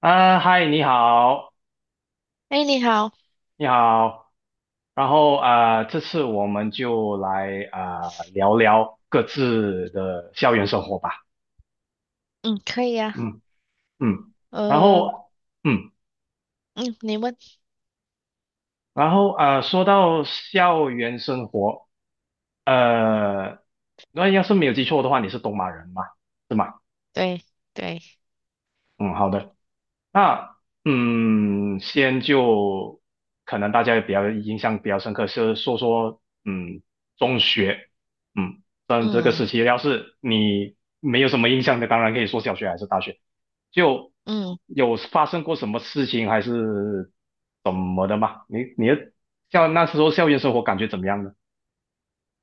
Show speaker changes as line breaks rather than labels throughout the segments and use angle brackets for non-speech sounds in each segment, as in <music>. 啊，嗨，你好，
哎，你好。
你好。然后啊，这次我们就来啊、聊聊各自的校园生活吧。
嗯，可以呀。
嗯嗯，然
呃，
后嗯，
嗯，你问。
然后啊、说到校园生活，呃，那要是没有记错的话，你是东马人嘛，是吗？
对，对。
嗯，好的。那嗯，先就可能大家也比较印象比较深刻，是说说嗯中学，嗯，但这个
嗯，
时期要是你没有什么印象的，当然可以说小学还是大学，就
嗯
有发生过什么事情还是怎么的嘛？你的像那时候校园生活感觉怎么样呢？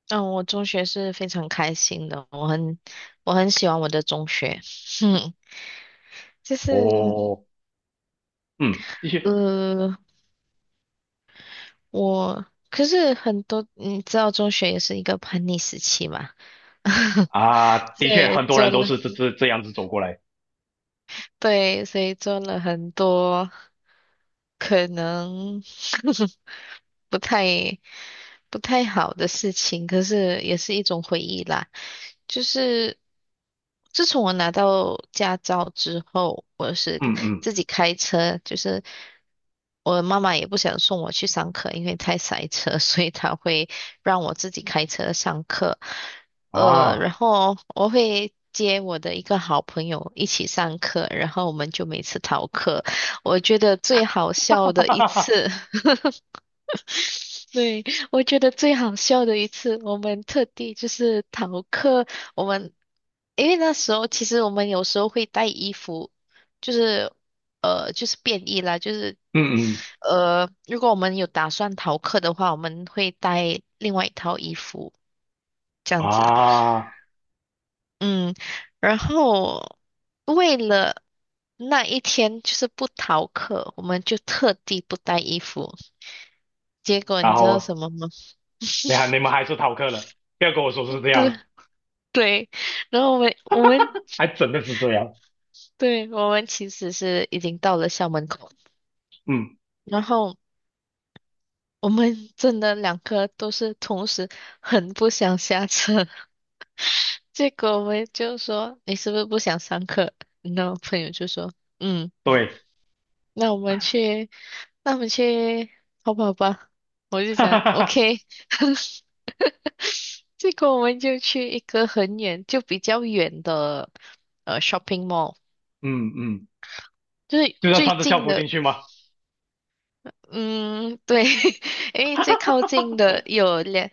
嗯，我中学是非常开心的，我很喜欢我的中学，<laughs> 哼，就是
哦，嗯，继续
呃，我可是很多你知道中学也是一个叛逆时期嘛。<laughs>
啊，的
所
确
以
很多
做
人都
了
是这样子走过来，
对，所以做了很多。可能 <laughs> 不太不太好的事情，可是也是一种回忆啦。就是自从我拿到驾照之后，我是
嗯嗯
自己开车。就是我妈妈也不想送我去上课，因为太塞车，<laughs> 所以她会让我自己开车上课。然
啊，
后我会接我的一个好朋友一起上课，然后我们就每次逃课。我觉得最好
<laughs> 哈哈
笑
哈
的一
哈，
次，<laughs> 对，我觉得最好笑的一次，我们特地就是逃课。我们因为那时候其实我们有时候会带衣服，就是就是便衣啦。就是
嗯嗯。
如果我们有打算逃课的话，我们会带另外一套衣服这样子。
啊，
嗯，然后为了那一天就是不逃课，我们就特地不带衣服。结果
然
你知道什
后
么吗？
你还你
<laughs>
们还是逃课了，不要跟我说是这
对，
样，
对，然后我们
还真的是这样，
对，我们其实是已经到了校门口，
嗯，
然后我们真的两个都是同时很不想下车。<laughs> 结果我们就说你是不是不想上课？然后朋友就说嗯。
对，
那我们去，那我们去淘宝吧。我
<laughs>
就
哈哈
想
哈哈，
，OK。<laughs> 这个我们就去一个很远，就比较远的shopping mall，
嗯嗯，
就是
就算
最
穿着校
近
服
的。
进去吗？
嗯，对。<laughs> 因为最靠近的有两，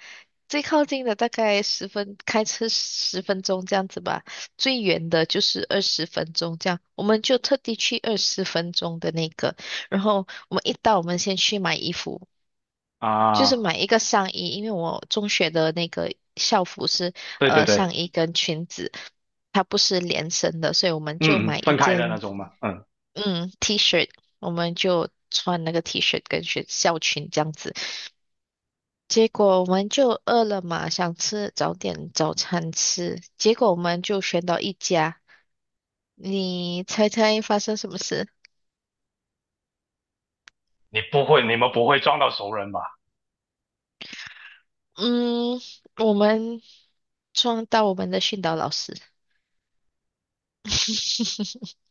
最靠近的大概十分，开车十分钟这样子吧，最远的就是二十分钟这样，我们就特地去二十分钟的那个。然后我们一到，我们先去买衣服。就是
啊，
买一个上衣，因为我中学的那个校服是
对对对，
上衣跟裙子，它不是连身的，所以我们就
嗯，
买
嗯
一
分开的
件
那种嘛，嗯，
嗯 T 恤，我们就穿那个 T 恤跟学校裙这样子。结果我们就饿了嘛，想吃早点早餐吃，结果我们就选到一家，你猜猜发生什么事？
你不会，你们不会撞到熟人吧？
嗯，我们撞到我们的训导老师。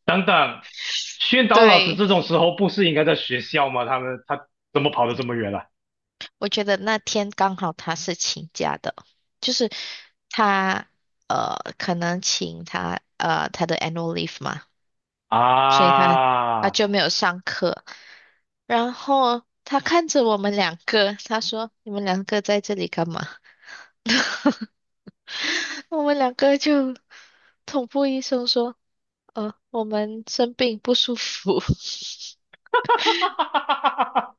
等等，宣导老师
对。
这种时候不是应该在学校吗？他们怎么跑得这么远了？
我觉得那天刚好他是请假的，就是他可能请他他的 annual leave 嘛，所以他
啊，<laughs>
上课。然后他看着我们两个，他说：“你们两个在这里干嘛？” <laughs> 我们两个就同步医生说：“呃，我们生病不舒服。”
哈哈哈哈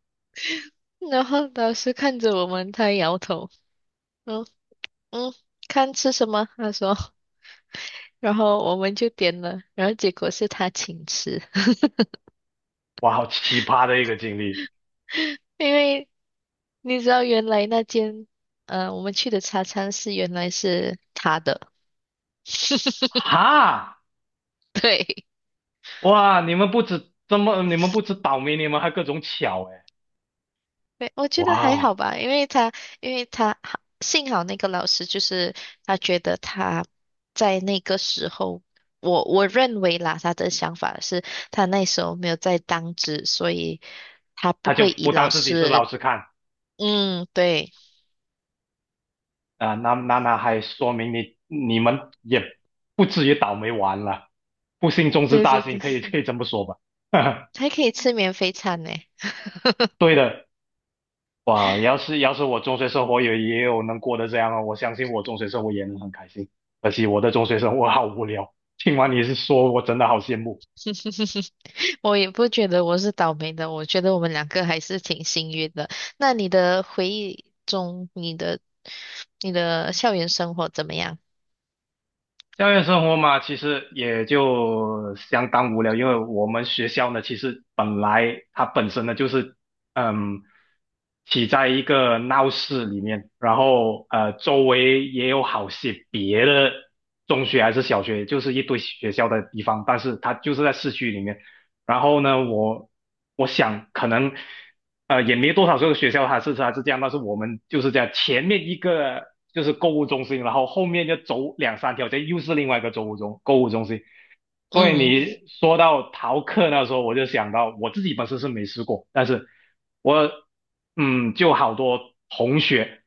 然后老师看着我们，他摇头。嗯，嗯，看吃什么？他说。然后我们就点了，然后结果是他请吃。<laughs>
哇，好奇葩的一个经历，
因为你知道原来那间我们去的茶餐室原来是他的。<laughs>
哈。
对。
哇，你们不止这么，你们不止倒霉，你们还各种巧哎！
对，我觉得还好
哇，
吧，因为他，因为他，幸好那个老师就是他觉得他在那个时候，我我认为啦，他的想法是他那时候没有在当值，所以他
他
不
就
会以
不
老
当自己是老
师。
师看
嗯，对。
啊，那还说明你们也不至于倒霉完了，不幸中之
对
大
对
幸，
对。
可以可以这么说吧？<laughs>
还可以吃免费餐呢。
对的，哇，要是要是我中学生活也也有能过得这样啊，我相信我中学生活也能很开心。可惜我的中学生活好无聊，听完你是说，我真的好羡慕。
<laughs> 我也不觉得我是倒霉的，我觉得我们两个还是挺幸运的。那你的回忆中，你的校园生活怎么样？
校园生活嘛，其实也就相当无聊，因为我们学校呢，其实本来它本身呢就是，嗯，起在一个闹市里面，然后周围也有好些别的中学还是小学，就是一堆学校的地方，但是它就是在市区里面。然后呢，我我想可能也没多少个学校它是这样，但是我们就是这样，前面一个就是购物中心，然后后面就走两三条街又是另外一个购物中心。所以
嗯，
你说到逃课那时候，我就想到我自己本身是没试过，但是我嗯就好多同学。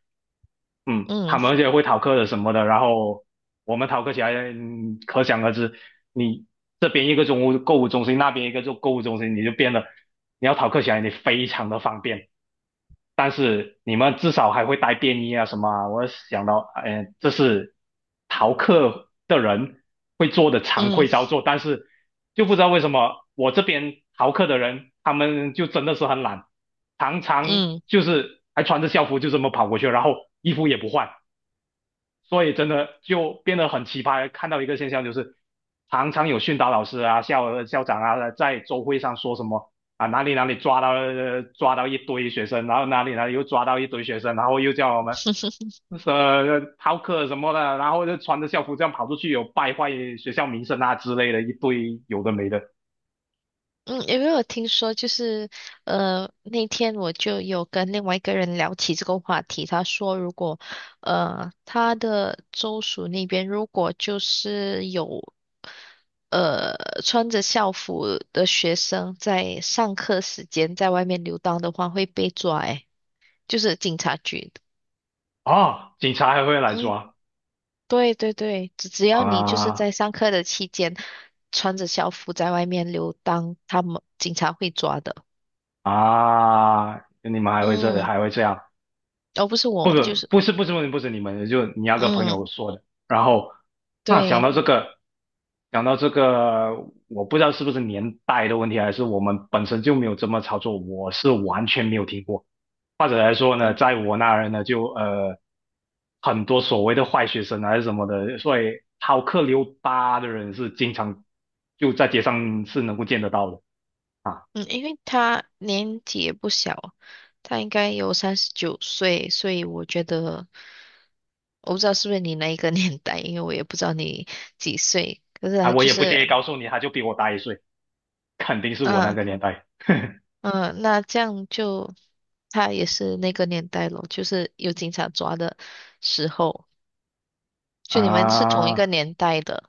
嗯，他
嗯
们而且会逃课的什么的，然后我们逃课起来，嗯可想而知，你这边一个中物购物中心，那边一个就购物中心，你就变得你要逃课起来，你非常的方便。但是你们至少还会带便衣啊什么啊，我想到，哎，这是逃课的人会做的常
嗯
规操作，但是就不知道为什么我这边逃课的人，他们就真的是很懒，常常
嗯。
就是还穿着校服就这么跑过去，然后衣服也不换。所以真的就变得很奇葩。看到一个现象就是，常常有训导老师啊、校长啊，在周会上说什么啊，哪里哪里抓到抓到一堆学生，然后哪里哪里又抓到一堆学生，然后又叫我们逃课什么的，然后就穿着校服这样跑出去，有败坏学校名声啊之类的一堆有的没的
嗯，因为我听说就是，那天我就有跟另外一个人聊起这个话题，他说如果，他的州属那边如果就是有，穿着校服的学生在上课时间在外面游荡的话，会被抓。诶，就是警察局。
啊，警察还会来
嗯，
抓
对对对，只只要你就是
啊
在上课的期间穿着校服在外面游荡，他们警察会抓的。
啊，你们还会这
嗯。
还会这样。
哦，不是
不
我，就
是
是
不是不是不是你们的就你那个朋
嗯，
友说的。然后那想
对。
到这个，想到这个，我不知道是不是年代的问题，还是我们本身就没有这么操作，我是完全没有听过。或者来说呢，
嗯，
在我那儿呢，就很多所谓的坏学生啊还是什么的，所以逃课溜达的人是经常就在街上是能够见得到的啊
嗯，因为他年纪也不小，他应该有39岁，所以我觉得我不知道是不是你那一个 <laughs> 年代，因为我也不知道你几岁。可是
啊，
他
我
就
也不介意
是，
告诉你，他就比我大一岁，肯定是我那
嗯，
个年代
嗯。那这样就他也是那个年代咯，就是有警察抓的时候，就你们是同一个
啊。
年代的。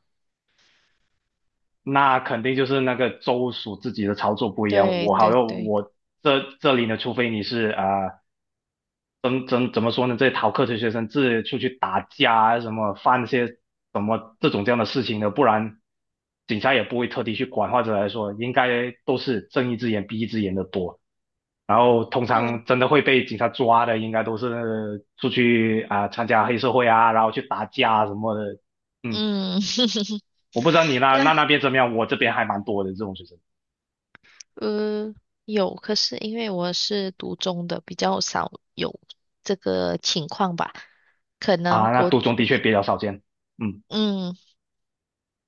那肯定就是那个州属自己的操作不一样。
对
我好
对
像
对。
我这里呢，除非你是啊、怎么说呢？这些逃课的学生自己出去打架啊，什么犯些什么这种这样的事情的，不然警察也不会特地去管，或者来说，应该都是睁一只眼闭一只眼的多。然后通
因为我
常真的会被警察抓的，应该都是出去啊、参加黑社会啊，然后去打架啊什么的。嗯，
嗯。<laughs>
我不知道你那那
那
那边怎么样，我这边还蛮多的这种学生。
呃，有，可是因为我是读中的，比较少有这个情况吧。可能
啊，那
国，
独中的确比较少见。嗯
嗯，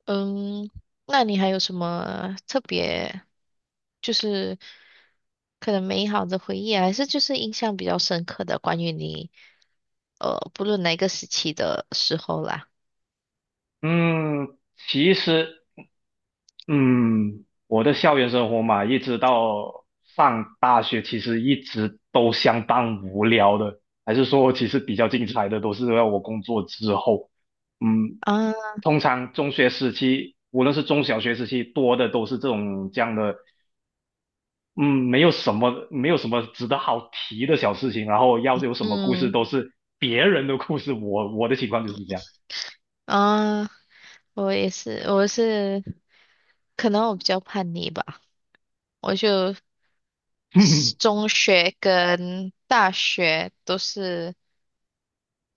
嗯，那你还有什么特别，就是可能美好的回忆啊还是就是印象比较深刻的关于你，不论哪个时期的时候啦。
嗯，其实嗯，我的校园生活嘛，一直到上大学，其实一直都相当无聊的。还是说，其实比较精彩的都是要我工作之后。嗯，
啊，
通常中学时期，无论是中小学时期，多的都是这种这样的。嗯，没有什么，没有什么值得好提的小事情。然后要是有什么故事，
嗯，
都是别人的故事。我我的情况就是这样。
啊，我也是，我是，可能我比较叛逆吧，我就。
<laughs>
中学跟大学都是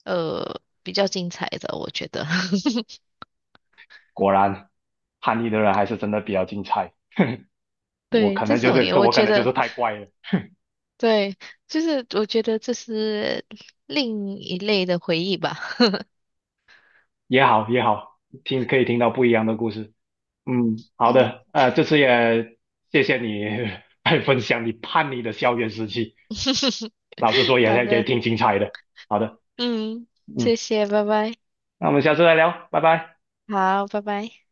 比较精彩的，我觉得。<laughs>
果然，叛逆的人还是真的比较精彩。我
对，
可
这
能就
种
是，
也
可
我
我可
觉
能就
得，
是太怪了，
对，就是我觉得这是另一类的回忆吧。<laughs>
也好也好，听可以听到不一样的故事。嗯，好
嗯。
的，这次也谢谢你 <laughs> 来分享你叛逆的校园时期，
<laughs>
老实说也
好
也
的。
挺精彩的。好的，
嗯，谢
嗯，
谢，拜拜。
那我们下次再聊，拜拜。
好，拜拜。